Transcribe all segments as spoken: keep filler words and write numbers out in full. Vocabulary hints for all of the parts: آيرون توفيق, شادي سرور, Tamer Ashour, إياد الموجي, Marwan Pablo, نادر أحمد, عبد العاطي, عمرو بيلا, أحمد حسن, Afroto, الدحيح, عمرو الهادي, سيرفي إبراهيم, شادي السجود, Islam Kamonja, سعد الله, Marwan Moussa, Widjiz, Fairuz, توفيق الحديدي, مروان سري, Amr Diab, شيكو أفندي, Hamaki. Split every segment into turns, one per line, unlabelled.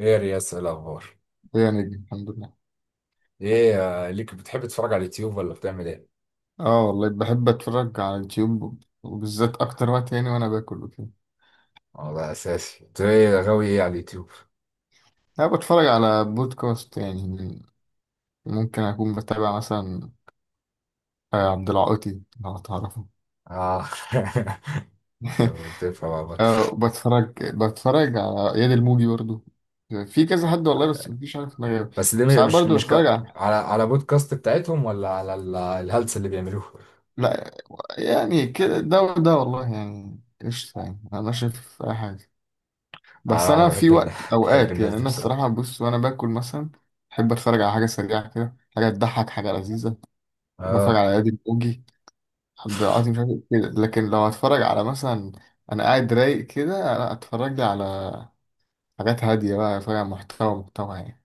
ايه يا رياس، ايه الاخبار؟
يا نجم، الحمد لله.
ايه آه، ليك بتحب تتفرج على اليوتيوب ولا بتعمل ايه؟
اه، والله بحب اتفرج على اليوتيوب، وبالذات اكتر وقت يعني وانا باكل وكده.
اه، ده اساسي. انت ايه غاوي ايه على اليوتيوب؟
انا بتفرج على بودكاست يعني، ممكن اكون بتابع مثلا آه، عبد العاطي لو تعرفه.
اه طب بتفهم عامة.
اه، بتفرج بتفرج على اياد الموجي برضو. في كذا حد والله، بس مفيش، عارف ما.
بس دي
ساعات
مش
برضو
مش ك...
بتفرج على،
على على بودكاست بتاعتهم ولا على ال- الهلس اللي بيعملوه؟
لا يعني كده ده وده، والله يعني قشطة، يعني انا شايف اي حاجة. بس
انا انا
انا في
بحب الناس
وقت
بحب
اوقات
الناس
يعني،
دي
انا
بصراحه.
الصراحه بص وانا باكل مثلا بحب اتفرج على حاجه سريعه كده، حاجه تضحك، حاجه لذيذه. بتفرج
اه.
على ادم اوجي، عبد العاطي، مش عارف إيه كده، لكن لو هتفرج على مثلا انا قاعد رايق كده، انا اتفرج لي على حاجات هاديه بقى، اتفرج على محتوى محتوى يعني.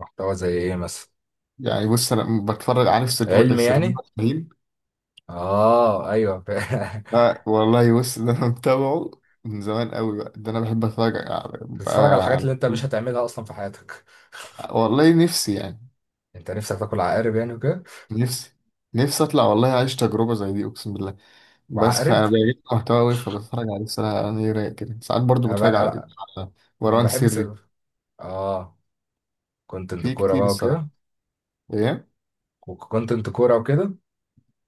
محتوى زي ايه مثلا؟
يعني بص انا بتفرج، عارف سيرفي-
علم
سيرفي
يعني.
ابراهيم.
اه ايوه ف-
لا والله بص، ده انا متابعه من زمان قوي بقى، ده انا بحب اتفرج على
بتتفرج على
بقى
الحاجات
على،
اللي انت مش هتعملها اصلا في حياتك.
والله نفسي يعني.
انت نفسك تاكل عقارب يعني وكده؟
نفسي، نفسي اطلع والله، اعيش تجربه زي دي، اقسم بالله. بس
وعقارب.
فانا بلاقي محتوى قوي فبتفرج عليه الصراحه، انا ايه رايق كده، ساعات برضو
انا ب...
بتفرج على،
انا
على
أنا
مروان
بحب
سري.
سر... اه، كونتنت
في
كورة
كتير
بقى وكده.
الصراحه. ايه.
وكونتنت كورة وكده.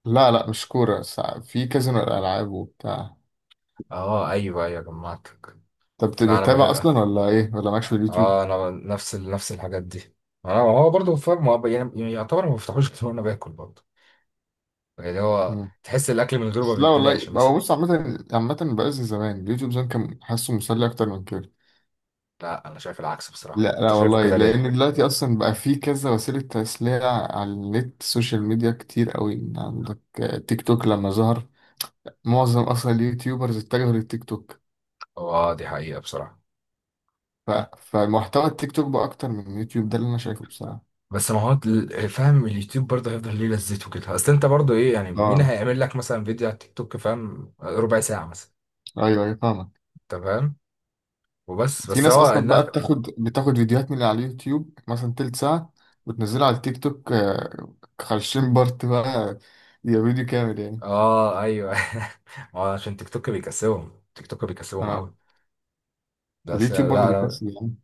لا لا مش كوره، ساعات- في كذا من الالعاب وبتاع.
اه ايوه ايوه جمعتك.
طب بت-
لا انا
بتتابع
بحب.
اصلا ولا ايه، ولا مالكش في اليوتيوب؟
اه، انا ب- نفس ال... نفس الحاجات دي. انا هو برضه فاهم، هو ب- يعني يعتبر ما بفتحوش غير وانا باكل برضه، يعني هو
مم.
تحس الاكل من غيره ما
بس لا
بيتبلعش
والله، هو
مثلا.
بص، عامه عامه بقى زي زمان، اليوتيوب زمان كان حاسه مسلي اكتر من كده.
لا انا شايف العكس بصراحة،
لا
انت
لا
شايفه
والله،
كده ليه؟
لان دلوقتي اصلا بقى في كذا وسيله تسليه على النت، السوشيال ميديا كتير قوي عندك. تيك توك لما ظهر معظم اصلا اليوتيوبرز اتجهوا للتيك توك.
هو اه دي حقيقة بصراحة.
ف... فمحتوى التيك توك بقى اكتر من اليوتيوب، ده اللي انا شايفه بصراحه.
بس ما هو ال- فاهم اليوتيوب برضه هيفضل ليه لذته كده، اصل انت برضه ايه يعني، مين
اه
هيعمل لك مثلا فيديو على التيك توك فاهم، ربع ساعة مثلا؟
ايوه، ايوه فاهمك.
انت فاهم. وبس
في
بس
ناس
هو
اصلا بقى
الناس.
بتاخد بتاخد فيديوهات من اللي على اليوتيوب مثلا تلت ساعه وتنزلها على التيك توك، آه، خمسين بارت بقى، يبقى فيديو كامل يعني.
اه ايوه ما هو عشان تيك توك بيكسبهم، تيك توك بيكسبهم
اه.
قوي. بس
واليوتيوب
لا
برضه
لا
بيكسب يعني.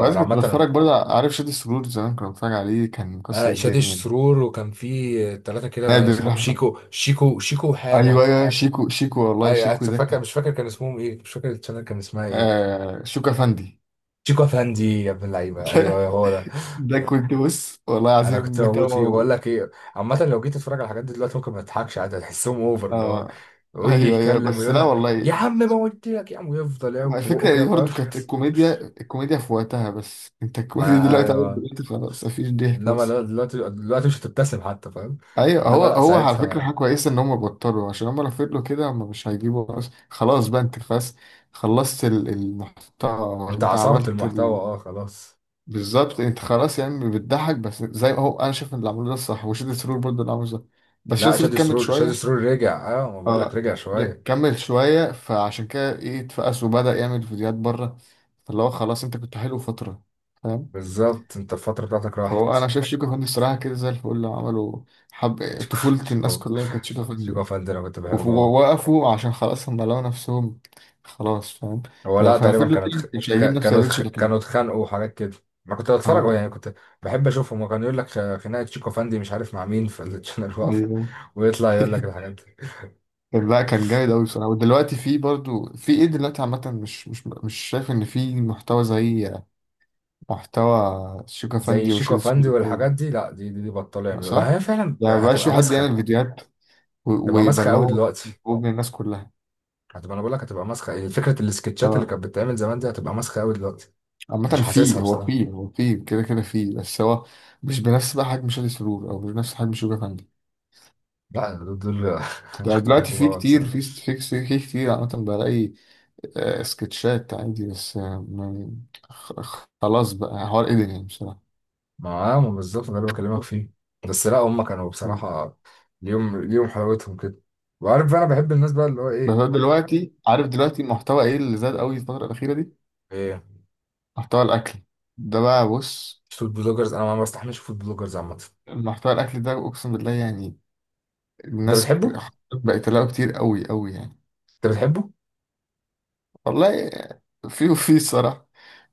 عايز، كنت
عامة
بتفرج
أنا-
برضه، عارف شادي السجود، زمان كنت بتفرج عليه، كان
آه،
مكسر
شادي
الدنيا.
سرور، وكان في ثلاثة كده
نادر
صحاب،
احمد،
شيكو شيكو شيكو
ايوه
حاجة.
ايوه، أيوه. شيكو، شيكو والله،
اي أنا
شيكو ده
فاكر،
كان،
مش فاكر كان اسمهم ايه مش فاكر الشانل كان اسمها ايه.
آه شيكو افندي.
شيكو افندي، يا ابن اللعيبة ايوه هو ده.
ده كنت بص والله
انا
العظيم
كنت موجود فيه، بقول
متابعه.
لك ايه عامة، لو جيت تتفرج على الحاجات دي دلوقتي ممكن ما تضحكش عادي، هتحسهم اوفر، اللي هو
آه
ويجي
ايوه، ايوه،
يتكلم
بس
ويقول
لا
لك
والله
يا
يعني.
عم ما قلت لك يا عم، ويفضل
ما
يعوج في
الفكره
بقه كده
يعني
فاهم
برضه كانت الكوميديا، الكوميديا في وقتها، بس انت الكوميديا
ما
دلوقتي عملت
ايوه.
دلوقتي خلاص، مفيش ضحك
انما
بس.
لا- دلوقتي، دلوقتي مش هتبتسم حتى فاهم.
ايوه،
انما
هو
لا
هو على فكره
ساعتها
حاجه كويسه ان هم بطلوا، عشان هم لو فضلوا كده هم مش هيجيبوا أص- خلاص بقى انت خلاص، خلصت ال- المحتوى،
انت
انت
عصرت
عملت
المحتوى،
ال...
اه خلاص.
بالظبط، انت خلاص يعني بتضحك بس، زي هو انا شايف ان اللي عملوه ده الصح، وشادي سرور برضه اللي عمله ده، بس
لا
شادي سرور
شادي
كمل
سرور، شادي
شويه.
سرور رجع، اه ما بقول لك
اه
رجع
لا،
شويه.
كمل شويه، فعشان كده ايه اتفقس وبدا يعمل فيديوهات بره، فاللي هو خلاص، انت كنت حلو فتره، فاهم.
بالظبط، انت الفتره بتاعتك راحت.
فهو انا شايف شيكو فندي الصراحه كده زي الفل عملوا، حب طفوله، الناس
شيكو،
كلها كانت شيكو فندي.
شيكو فندم، انا كنت بحبه أوي.
ووقفوا عشان خلاص هم لقوا نفسهم خلاص، فاهم.
هو
لو
لا
كان
تقريبا
فضلوا
كانت
كده
خ...
مش هيجيب
ك...
نفس
كانوا
الريتش
اتخ-
اللي كان.
كانوا اتخانقوا وحاجات كده. انا كنت بتفرج
آه،
يعني، كنت بحب اشوفهم، وكان يقول لك خ- خناقه شيكو فندي مش عارف مع مين في الشانل واقفه،
ايوه.
ويطلع يقول لك الحاجات دي.
طب لا، كان جامد قوي بصراحه، ودلوقتي في برضو في ايه، دلوقتي عامه مش مش مش شايف ان في محتوى زي محتوى شوكا
زي
فاندي
شيكو
وشادي
فندي
سوبر.
والحاجات دي، لا دي دي, دي بطلوا
ما
يعملوا، ما
صح؟
هي فعلا
يعني مبقاش
هتبقى
في حد يعمل
مسخه.
فيديوهات و-
تبقى
ويبقى
ماسخه
اللي
قوي
هو
دلوقتي.
محبوب من الناس كلها.
هتبقى، انا بقول لك هتبقى ماسخه، يعني فكره السكتشات اللي
اه
كانت بتتعمل زمان دي هتبقى ماسخه قوي دلوقتي. مش
عامة،
حاسسها
في هو
بصراحه.
في هو في كده كده في، بس هو مش بنفس بقى حجم شادي سرور، او مش بنفس حجم شوكا فاندي.
لا دول دول انا
يعني
كنت
دلوقتي
بحبهم
في
قوي
كتير،
بصراحه.
في ست- في كس- في كتير عامة بلاقي آه، سكتشات عندي، بس آه، ما- خ- خ- خلاص بقى حوار قدر يعني بصراحة.
ما ما بالظبط ده اللي بكلمك فيه. بس لا هم كانوا
مم.
بصراحه ليهم ليهم حلاوتهم كده، وعارف بقى انا بحب الناس بقى اللي هو
بس
ايه.
أنا دلوقتي، عارف دلوقتي المحتوى ايه اللي زاد قوي الفترة الأخيرة دي؟
ايه.
محتوى الأكل، ده بقى بص،
فود بلوجرز، انا ما بستحملش فود بلوجرز عامه.
محتوى الأكل ده أقسم بالله يعني،
انت
الناس ك-
بتحبه انت؟
بقت تلاقيه كتير قوي قوي يعني.
بتحبه؟
والله آه، في، وفي الصراحة.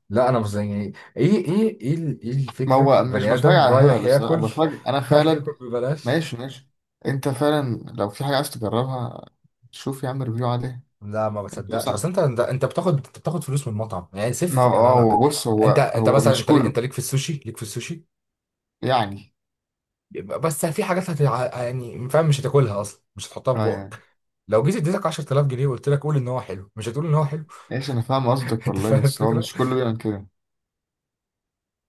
لا انا مش زي يعني، ايه ايه ايه ال- ايه
ما
الفكره
هو
في
مش
بني
بتفرج
ادم
على هبل،
رايح
بس أنا
ياكل
بتفرج أنا
رايح
فعلا.
ياكل ببلاش.
ماشي ماشي، انت فعلا لو في حاجة عايز تجربها شوف يا عم ريفيو عليها.
لا ما
انت
بصدقش،
اصلا،
اصل انت انت أنت بتاخد، انت بتاخد فلوس من المطعم يعني،
ما
سيف
هو
انا
آه،
لا.
هو بص،
انت
هو،
انت
هو
مثلا
مش
انت ليك،
كله
انت ليك في السوشي، ليك في السوشي.
يعني.
بس في حاجات هت... يعني فاهم مش هتاكلها اصلا، مش هتحطها في
اه
بقك.
يعني
لو جيت اديتك عشرة الاف جنيه وقلت لك قول ان هو حلو، مش هتقول ان هو حلو.
ماشي، انا فاهم قصدك
انت
والله،
فاهم
بس هو
الفكره.
مش كله بيعمل كده.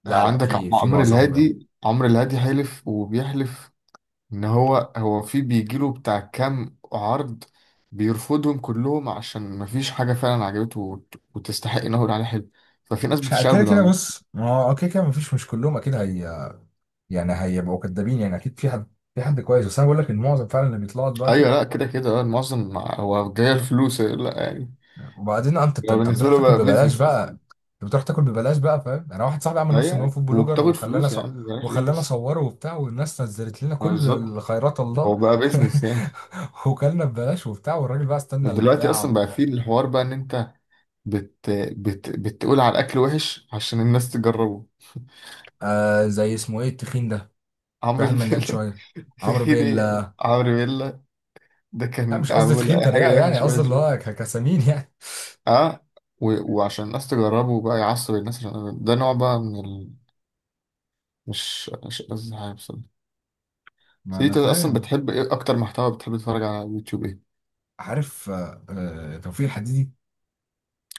لا
آه،
لا
عندك
في في
عمرو
معظمهم لا.
الهادي، عمرو الهادي حلف وبيحلف ان هو، هو في بيجيله بتاع كام عرض، بيرفضهم كلهم عشان مفيش حاجة فعلا عجبته وت- وتستحق انه يقول عليها حلو، ففي ناس
مش ه-
بتشتغل
كده كده
بضمير.
بص، ما هو كده كده مفيش، مش كلهم اكيد، هي يعني هيبقوا كدابين يعني. اكيد في حد، في حد كويس، بس انا بقول لك ان معظم فعلا اللي بيطلعوا دلوقتي.
ايوه لا كده كده، اه المعظم هو جاي الفلوس لا يعني،
وبعدين انت انت
هو
أنت
بالنسبة
بتروح
له
تاكل
بقى
ببلاش
بيزنس أصلا.
بقى. انت بتروح تاكل ببلاش بقى فاهم. انا واحد صاحبي عمل نفسه ان هو
هي
فود بلوجر
وبتاخد
وخلانا
فلوس
ص...
يعني، مبلاش إيه
وخلانا
بس.
صوره وبتاع، والناس نزلت لنا
ما
كل
بالظبط،
الخيرات الله
هو بقى بيزنس يعني.
وكلنا ببلاش وبتاع، والراجل بقى استنى
دلوقتي
البتاع
أصلا
و...
بقى في الحوار بقى إن أنت بت... بت... بتقول على الأكل وحش عشان الناس تجربه.
آه، زي اسمه ايه التخين ده، في
عمرو
واحد مليان
بيلا.
شويه، عمرو
تخيل إيه يعني؟
بيلا.
عمرو بيلا ده
لا
كان
مش قصدي
عامل
تخين
أي
تريقه،
حاجة
يعني
وحش،
قصدي
وحش
اللي هو
وحش
ك- كسمين يعني.
أه، و... وعشان الناس تجربه بقى، يعصب الناس، عشان ده نوع بقى من ال... مش، مش قصدي حاجة بصراحة.
ما
بس
انا
أنت أصلا
فاهم.
بتحب إيه أكتر، محتوى بتحب تتفرج على يوتيوب إيه؟
عارف آه آه، توفيق الحديدي؟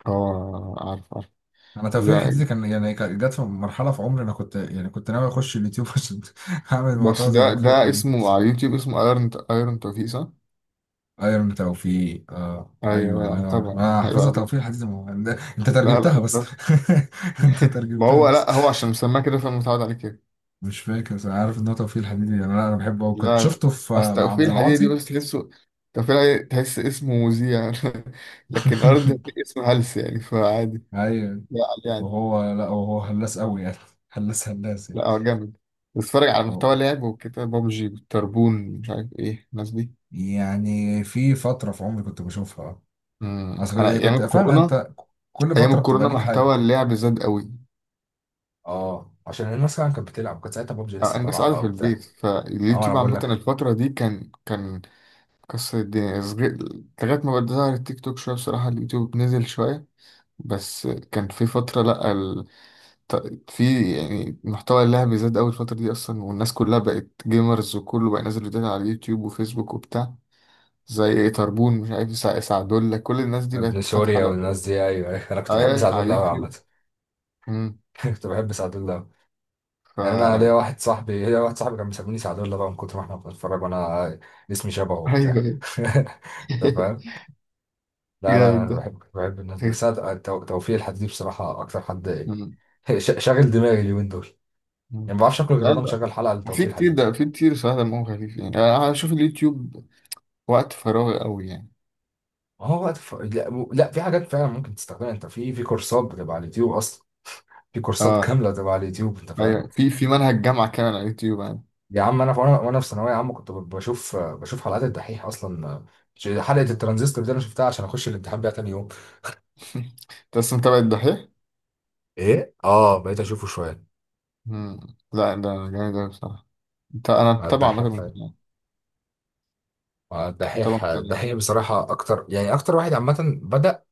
اه عارف.
انا توفير
ده
حتتي كان يعني كان- جت في مرحله في عمري انا كنت يعني كنت ناوي اخش اليوتيوب عشان اعمل
بس،
محتوى زي
ده
توفير
ده
حديدي.
اسمه على اليوتيوب اسمه ايرون، ايرون توفيق صح؟
ايرون توفيق، اه
ايوه،
ايوه
لا
الله ينور عليك،
متابع يعني
انا
عيب
حافظها توفير
عليك.
حديدي، ما هو- ده- انت
لا
ترجمتها
لا.
بس.
لا.
انت
ما
ترجمتها
هو
بس.
لا، هو عشان مسماه كده فمتعود عليه كده.
مش فاكر بس انا عارف ان هو توفيق حديدي يعني، انا أنا بحبه، وكنت
لا لا،
شفته في
اصل
مع
توفيق
عبد
الحديدي دي
العاطي.
بس تحسه، توفيق الحديدي تحس اسمه مذيع. لكن ارض اسمه هلس يعني فعادي.
ايوه.
لا عليه عادي.
وهو لا، وهو هلاس قوي يعني، هلاس هلاس يعني.
لا هو جامد، بس اتفرج على
أه.
محتوى لعب وكده، بابجي والتربون، مش عارف ايه الناس دي.
يعني في فتره في عمري كنت بشوفها،
امم
اصل
انا
يعني
ايام
كنت فاهم
الكورونا،
انت، كل
ايام
فتره بتبقى
الكورونا
ليك حاجه.
محتوى اللعب زاد قوي.
اه عشان الناس فعلا كانت بتلعب، كانت ساعتها ببجي
آه،
لسه
الناس
طالعه
قاعدة
بقى
في
وبتاع.
البيت،
اه انا
فاليوتيوب
بقول
عامة
لك.
الفترة دي كان، كان كسر الدنيا صغير، لغاية ما بدأ ظهر التيك توك شوية بصراحة، اليوتيوب نزل شوية. بس كان في فترة لأ ال... ط- في يعني محتوى اللعب زاد أوي الفترة دي أصلا، والناس كلها بقت جيمرز، وكله بقى ينزل فيديوهات على اليوتيوب وفيسبوك وبتاع، زي إيه، طربون، مش عارف سع- سعدولة، كل الناس دي
ابن
بقت فاتحة
سوريا
على، أيوة،
والناس دي، ايوه أيوة. انا كنت بحب سعد
أيوة، على
الله قوي
اليوتيوب.
عامه.
مم.
كنت بحب سعد الله أوي. يعني انا
فا،
ليا واحد صاحبي، ليا واحد صاحبي كان بيسميني سعد الله بقى، من كتر ما احنا بنتفرج وانا اسمي شبهه وبتاع.
أيوه.
انت فاهم. لا لا
جامد
انا
ده.
بحب، كنت بحب الناس دي، بس أنا تو- توفيق الحديدي دي بصراحه اكتر حد.
مم.
إيه، ش- شاغل دماغي اليومين دول،
مم.
يعني ما بعرفش اكل غير وانا مشغل حلقه
في
لتوفيق
كتير ده،
الحديدي.
في كتير صراحة دمهم خفيف يعني، انا اشوف اليوتيوب وقت فراغي قوي يعني.
هو وقت ف... لا, و- لا، في حاجات فعلا ممكن تستخدمها انت في، في كورسات بتبقى على اليوتيوب اصلا، في كورسات
اه
كامله بتبقى على اليوتيوب انت فاهم.
ايوه، في في منهج جامعة كامل على اليوتيوب يعني.
يا عم انا وانا وانا في ثانويه عامه كنت ب- بشوف بشوف حلقات الدحيح اصلا. حلقه
مم.
الترانزستور دي انا شفتها عشان اخش الامتحان بيها تاني يوم.
انت اصلا متابع الدحيح؟
ايه اه بقيت اشوفه شويه.
مم. لا ده جامد اوي بصراحة. انت، انا
مع
متابع
الدحيح.
عامة من زمان.
مع
متابع
الدحيح،
من زمان.
الدحيح بصراحه اكتر يعني، اكتر واحد عامه بدأ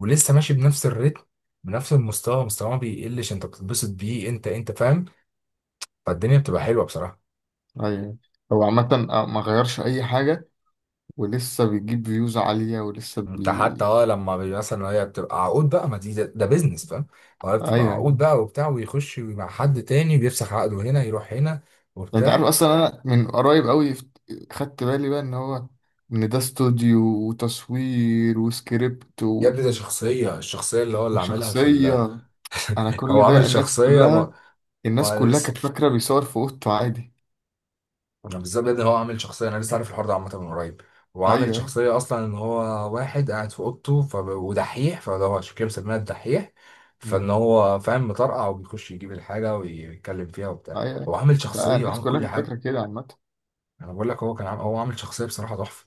ولسه ماشي بنفس الريتم، بنفس المستوى، مستواه ما بيقلش، انت بتتبسط بيه، انت انت فاهم، فالدنيا بتبقى حلوه بصراحه.
ايوه. هو عامة آه، ما غيرش اي حاجة، ولسه بيجيب فيوز عالية، ولسه
انت حتى
بي.
اه لما بي- مثلا، هي بتبقى عقود بقى ما دي، ده, ده بيزنس فاهم، هو بتبقى
ايوه
عقود
يعني.
بقى وبتاع، ويخش مع حد تاني بيفسخ عقده، هنا يروح هنا
انت عارف
وبتاع.
اصلا انا من قريب قوي فت- خدت بالي بقى ان هو، ان ده استوديو، وتصوير، وسكريبت،
يا ابني ده شخصية، الشخصية اللي هو اللي عاملها في ال...
وشخصية. أنا
هو
كل
عامل
ده، الناس
شخصية م...
كلها، الناس
وانا
كلها
لسه،
كانت فاكرة بيصور في أوضته عادي.
انا بالظبط يا ابني، هو عامل شخصية، انا لسه عارف الحوار ده عامة من قريب، هو
أيوه
عامل
أيوه.
شخصية اصلا ان هو واحد قاعد في اوضته ف... ودحيح، فده هو عشان كده مسميها الدحيح، فان
أمم،
هو فاهم مطرقع وبيخش يجيب الحاجة ويتكلم فيها وبتاع.
أيوه أيوه.
هو عامل
لا
شخصية
الناس
وعامل
كلها
كل
كانت فاكرة
حاجة.
كده عامة.
انا بقول لك هو كان عامل، هو عامل شخصيه بصراحه تحفه.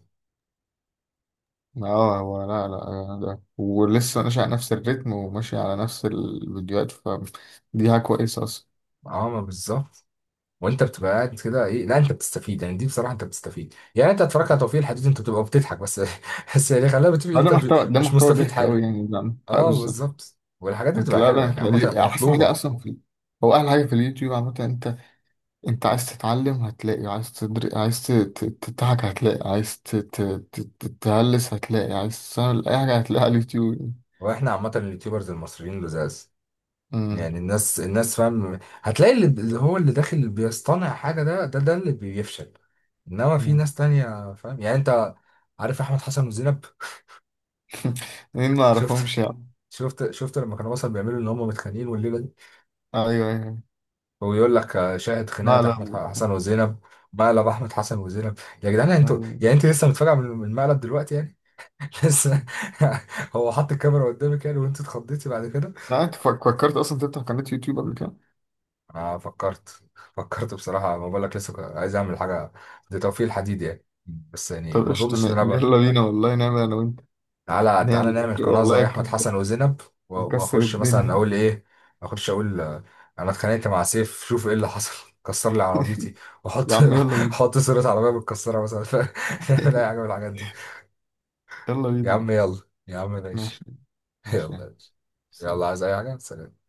أه هو لا لا ده، ولسه ماشي على نفس الريتم، وماشي على نفس الفيديوهات، فدي حاجة كويسة أصلا.
عامه بالظبط. وانت بتبقى قاعد كده ايه، لا انت بتستفيد يعني، دي بصراحه انت بتستفيد يعني، انت اتفرجت على توفيق الحديد انت بتبقى بتضحك بس بس يعني خلينا، بتبقى
آه، ده
انت
محتوى، ده
مش
محتوى
مستفيد
ضحك أوي
حاجه.
يعني، ده أه
اه
بالظبط.
بالظبط، والحاجات دي
أنت
بتبقى
لا لا،
حلوه يعني عامه
أنت أحسن حاجة
مطلوبه.
أصلا في، هو أحلى حاجة في اليوتيوب عامة أنت، انت عايز تتعلم هتلاقي، عايز تدر... عايز ت- ت- تضحك هتلاقي، عايز ت... ت... ت- تتهلس هتلاقي، عايز تسهل اي حاجة هتلاقيها على اليوتيوب.
واحنا عامه اليوتيوبرز المصريين لزاز
امم.
يعني. الناس، الناس فاهم هتلاقي اللي، اللي هو اللي داخل، اللي بيصطنع حاجه ده، ده ده اللي بيفشل، انما في
امم.
ناس تانية فاهم يعني انت. عارف احمد حسن وزينب؟
مين؟ ما
شفت،
اعرفهمش يعني.
شفت شفت لما كانوا مثلا بيعملوا ان هم متخانقين والليله دي،
ايوه ايوه.
ويقول لك آه، شاهد
لا
خناقه
لا.
احمد حسن وزينب، مقلب احمد حسن وزينب. يا جدعان انتوا
ايوه.
يعني، انت لسه متفاجئه من من المقلب دلوقتي يعني؟ لسه، هو حط الكاميرا قدامك يعني وانت اتخضيتي بعد كده.
لا انت فك- فكرت اصلا تفتح قناة يوتيوب قبل كده؟
انا فكرت. فكرت بصراحه، ما بقول لك لسه عايز اعمل حاجه دي، توفيق الحديد يعني، بس يعني
طب
ما
قشطة
اظنش ان
ن-
انا.
يلا بينا والله، نعمل انا وانت،
تعالى تعالى
نعمل
نعمل قناة
والله،
زي أحمد
كنت
حسن وزينب، و-
مكسر
وأخش مثلا
الدنيا.
أقول إيه، أخش أقول آه، أنا اتخانقت مع سيف، شوف إيه اللي حصل، كسر لي عربيتي، وأحط
يا عم يلا بينا.
أحط صورة عربية متكسرة مثلا ف- نعمل أي حاجة من الحاجات دي.
يلا
يا
بينا.
عم يلا. يا عم ماشي.
ماشي ماشي.
يلا. يلا،
سلام.
عايز أي حاجة؟ سلام.